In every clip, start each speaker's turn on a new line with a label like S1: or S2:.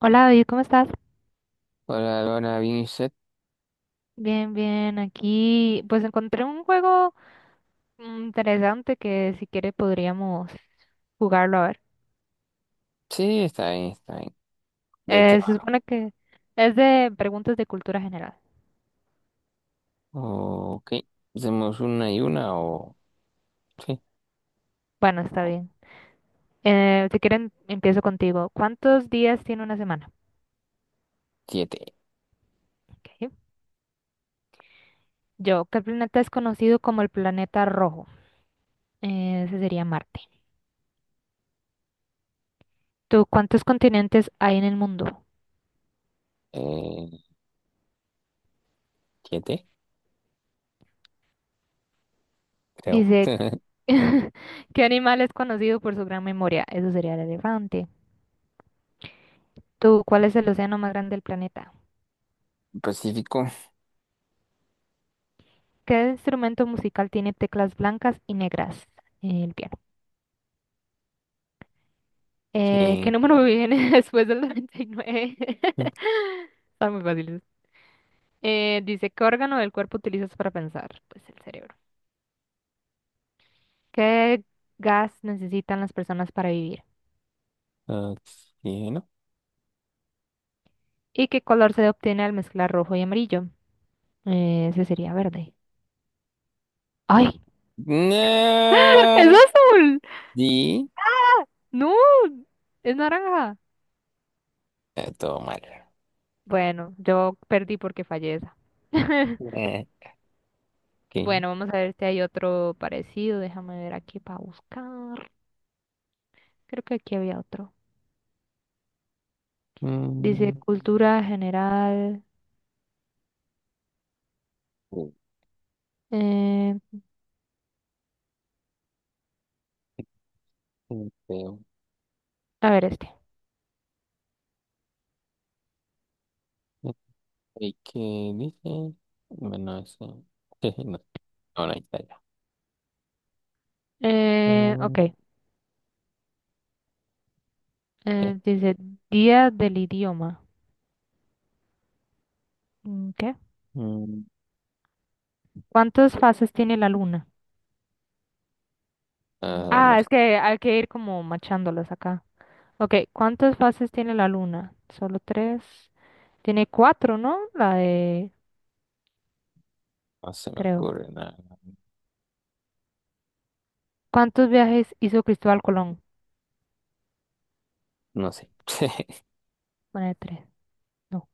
S1: Hola David, ¿cómo estás?
S2: Hola, Laura, ¿bien y usted?
S1: Bien, bien, aquí pues encontré un juego interesante que si quiere podríamos jugarlo a ver.
S2: Sí, está bien, está bien. ¿De qué
S1: Se
S2: va?
S1: supone que es de preguntas de cultura general.
S2: Ok, hacemos una y una o Sí,
S1: Bueno, está bien. Si quieren, empiezo contigo. ¿Cuántos días tiene una semana?
S2: siete.
S1: Ok. Yo, ¿qué planeta es conocido como el planeta rojo? Ese sería Marte. ¿Tú cuántos continentes hay en el mundo?
S2: Eh, siete, creo.
S1: Dice, ¿qué animal es conocido por su gran memoria? Eso sería el elefante. ¿Tú cuál es el océano más grande del planeta?
S2: Pacífico.
S1: ¿Qué instrumento musical tiene teclas blancas y negras? El piano. ¿Qué
S2: Bien.
S1: número viene después del 99? Están muy fáciles. Dice, ¿qué órgano del cuerpo utilizas para pensar? Pues el cerebro. ¿Qué gas necesitan las personas para vivir?
S2: Oxígeno.
S1: ¿Y qué color se obtiene al mezclar rojo y amarillo? Ese sería verde. ¡Ay! ¡Es
S2: No.
S1: azul!
S2: Di.
S1: ¡No! ¡Es naranja!
S2: Todo mal.
S1: Bueno, yo perdí porque fallé esa.
S2: Eh, ok.
S1: Bueno, vamos a ver si hay otro parecido. Déjame ver aquí para buscar. Creo que aquí había otro. Dice
S2: Mm,
S1: cultura general. eh,
S2: sí, creo.
S1: a ver este.
S2: ¿Y qué dice? Bueno, eso. No, no, ahí está ya. Ah,
S1: Ok.
S2: ok.
S1: Dice día del idioma. Mm, ¿qué?
S2: Mm,
S1: ¿Cuántas fases tiene la luna?
S2: ah, no.
S1: Ah, es que hay que ir como machándolas acá. Ok, ¿cuántas fases tiene la luna? Solo tres. Tiene cuatro, ¿no? La de,
S2: No se me
S1: creo.
S2: ocurre nada.
S1: ¿Cuántos viajes hizo Cristóbal Colón?
S2: No sé.
S1: Pone tres. No.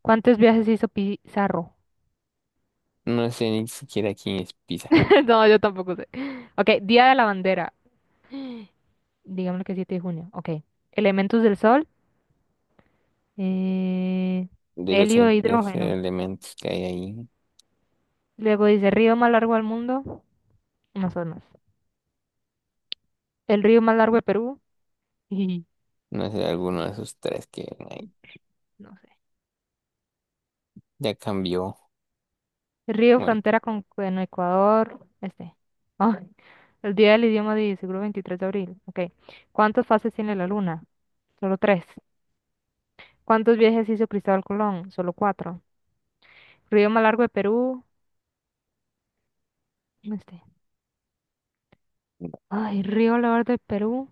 S1: ¿Cuántos viajes hizo Pizarro?
S2: No sé ni siquiera quién es Pizarro.
S1: No, yo tampoco sé. Ok, Día de la Bandera. Digámoslo que 7 de junio. Ok. Elementos del Sol. eh,
S2: De los
S1: Helio e
S2: tres
S1: hidrógeno.
S2: elementos que hay ahí,
S1: Luego dice río más largo del mundo. Amazonas. El río más largo de Perú.
S2: no sé, alguno de esos tres que hay.
S1: No sé.
S2: Ya cambió.
S1: El río
S2: Bueno,
S1: frontera con Ecuador. Este. Ah, el día del idioma de seguro 23 de abril. Ok. ¿Cuántas fases tiene la luna? Solo tres. ¿Cuántos viajes hizo Cristóbal Colón? Solo cuatro. Río Malargo de Perú. Este.
S2: no.
S1: Ay, Río Lavar de Perú.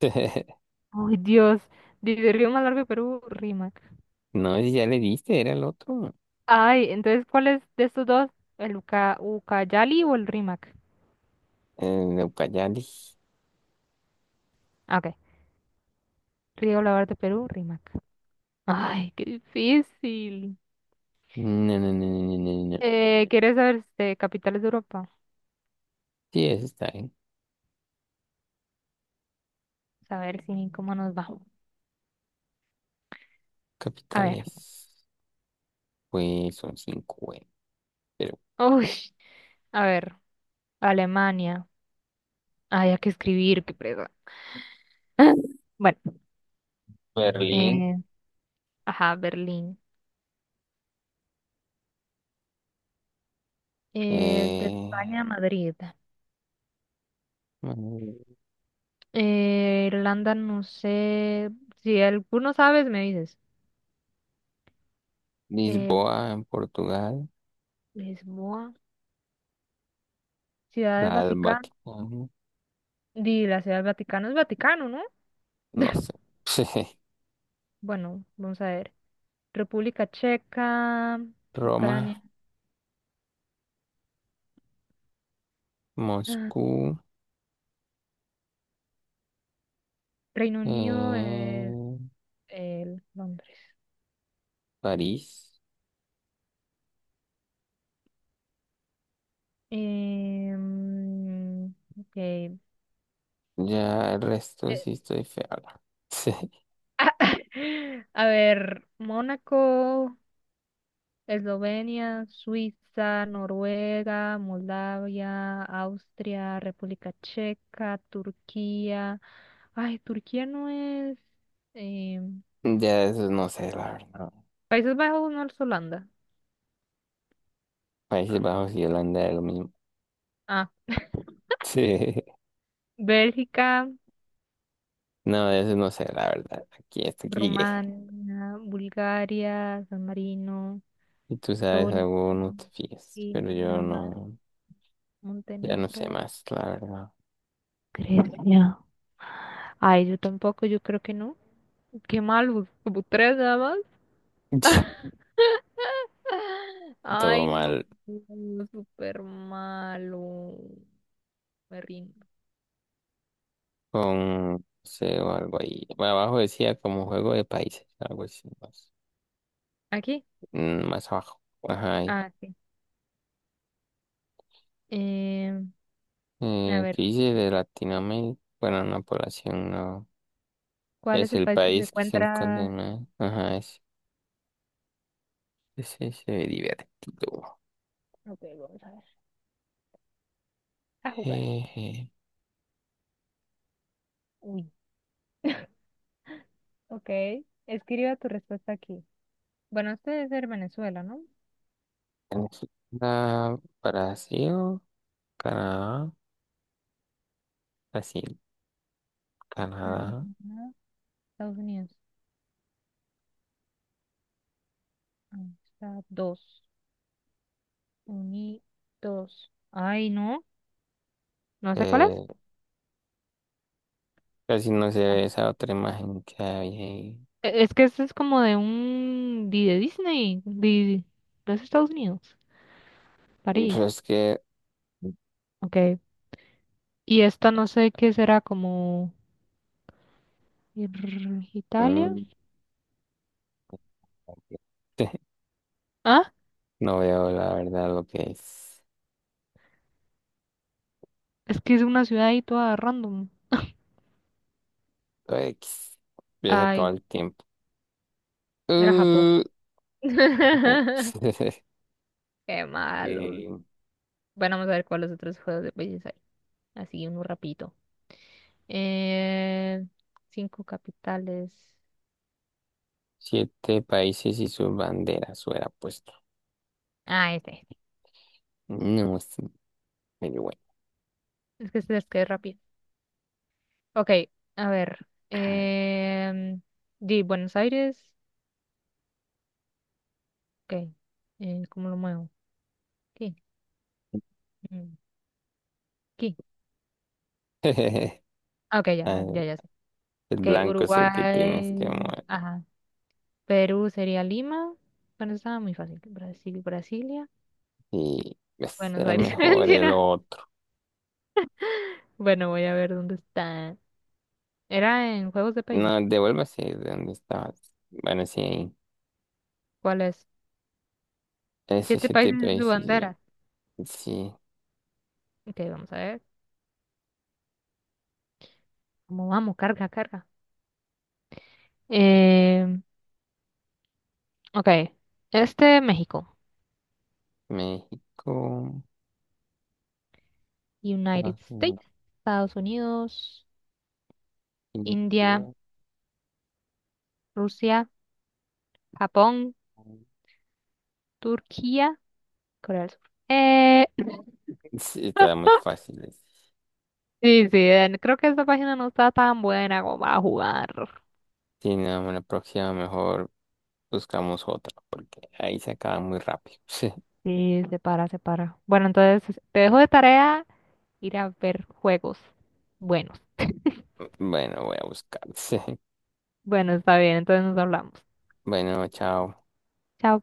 S1: Ay, Dios. Dice Río Malargo de Perú, Rímac.
S2: No, si ya le diste, era el otro.
S1: Ay, entonces, ¿cuál es de estos dos? ¿El Ucayali o el Rímac?
S2: El Ucayali.
S1: Ah, ok. Río Lavar de Perú, Rímac. Ay, qué difícil.
S2: No, no, no, no, no, no, no.
S1: ¿Quieres saber este, capitales de Europa?
S2: Sí, eso está bien.
S1: A ver si, cómo nos va. A ver.
S2: Capitales, pues son cinco, güey. Pero
S1: Uy, a ver. Alemania. Ay, hay que escribir, qué presa. Bueno,
S2: Berlín,
S1: eh, ajá, Berlín. De España
S2: eh,
S1: a Madrid.
S2: mm,
S1: Irlanda, no sé. Si alguno sabes, me dices. Eh,
S2: Lisboa en Portugal,
S1: Lisboa, Ciudad del
S2: la del
S1: Vaticano.
S2: Vaticano.
S1: Di, la Ciudad del Vaticano es Vaticano, ¿no?
S2: No sé.
S1: Bueno, vamos a ver. República Checa,
S2: Roma,
S1: Ucrania, ah,
S2: Moscú,
S1: Reino Unido,
S2: eh,
S1: el Londres.
S2: París.
S1: Em, ok.
S2: Ya el resto sí estoy feo. Sí.
S1: A ver, Mónaco, Eslovenia, Suiza, Noruega, Moldavia, Austria, República Checa, Turquía. Ay, Turquía no es... eh,
S2: Ya eso no sé, la verdad.
S1: Países Bajos no es Holanda.
S2: Países
S1: Ah, no.
S2: Bajos y Holanda es lo mismo.
S1: Ah,
S2: Sí.
S1: Bélgica,
S2: No, de eso no sé, la verdad. Aquí hasta aquí llegué.
S1: Rumania, Bulgaria, San Marino,
S2: Si tú sabes
S1: Estonia,
S2: algo, no te fíes. Pero yo
S1: Dinamarca,
S2: no, ya no sé
S1: Montenegro,
S2: más, la verdad.
S1: Grecia. Ay, yo tampoco, yo creo que no. Qué mal, como tres nada.
S2: Todo
S1: Ay, no,
S2: mal.
S1: no, súper malo. Me rindo.
S2: Con, no sé, o algo ahí. Abajo decía como juego de países, algo así, no sé.
S1: ¿Aquí?
S2: Más abajo. Ajá. Ahí.
S1: Ah, sí. Eh, a ver,
S2: ¿Qué dice de Latinoamérica? Bueno, una población no.
S1: ¿cuál es
S2: Es
S1: el
S2: el
S1: país que se
S2: país que se encuentra
S1: encuentra?
S2: en Ajá. Es divertido.
S1: Ok, vamos a ver. A jugar.
S2: Eh,
S1: Uy. Ok. Escriba tu respuesta aquí. Bueno, este debe ser Venezuela, ¿no?
S2: Venezuela, Brasil, Canadá, Brasil, Canadá.
S1: Canadá, Estados Unidos. Ahí está. Dos. Unidos. Ay, no. No sé cuál
S2: Eh,
S1: es.
S2: casi no se ve esa otra imagen que hay ahí.
S1: Es que este es como de un... de Disney. De los Estados Unidos.
S2: Pues
S1: París,
S2: es que
S1: ok. Y esta no sé qué será, como Italia.
S2: mm,
S1: Ah,
S2: no veo la verdad lo que es.
S1: es que es una ciudad ahí toda random.
S2: Lo X. Ya se acabó
S1: Ay,
S2: el tiempo.
S1: era Japón.
S2: Uh, Japón.
S1: Qué malos.
S2: Eh,
S1: Bueno, vamos a ver cuáles otros juegos de países hay. Así, uno rapidito. Eh, Cinco capitales.
S2: siete países y sus banderas hubiera puesto.
S1: Ah, este, este.
S2: No, es medio bueno.
S1: Es que este es que es rápido. Ok, a ver. Di Buenos Aires. Ok. ¿Cómo lo muevo? Aquí. Mm, aquí. Ah, ok, ya, ya,
S2: Ah,
S1: ya sé.
S2: el
S1: Que
S2: blanco es el que tienes
S1: Uruguay,
S2: que mover.
S1: ajá. Perú sería Lima. Bueno, estaba muy fácil. Brasil, Brasilia.
S2: Y pues,
S1: Buenos
S2: era
S1: Aires,
S2: mejor el
S1: Argentina.
S2: otro.
S1: Bueno, voy a ver dónde está. Era en Juegos de Países.
S2: No, devuélvase de donde estabas. Bueno, sí, ahí.
S1: ¿Cuál es?
S2: Ese
S1: Siete
S2: siete
S1: países en su
S2: países.
S1: bandera.
S2: Sí,
S1: Ok, vamos a ver. ¿Cómo vamos? Carga, carga. Eh, ok. Este, México.
S2: México,
S1: United
S2: Estados Unidos,
S1: States. Estados Unidos. India.
S2: India.
S1: Rusia. Japón. Turquía. Corea del Sur. Eh,
S2: Sí, está muy fácil. Ese.
S1: Sí, sí, creo que esa página no está tan buena como para jugar.
S2: Sí, no, la próxima mejor buscamos otra, porque ahí se acaba muy rápido.
S1: Sí, se para, se para. Bueno, entonces te dejo de tarea ir a ver juegos buenos.
S2: Bueno, voy a buscar.
S1: Bueno, está bien, entonces nos hablamos.
S2: Bueno, chao.
S1: Chao.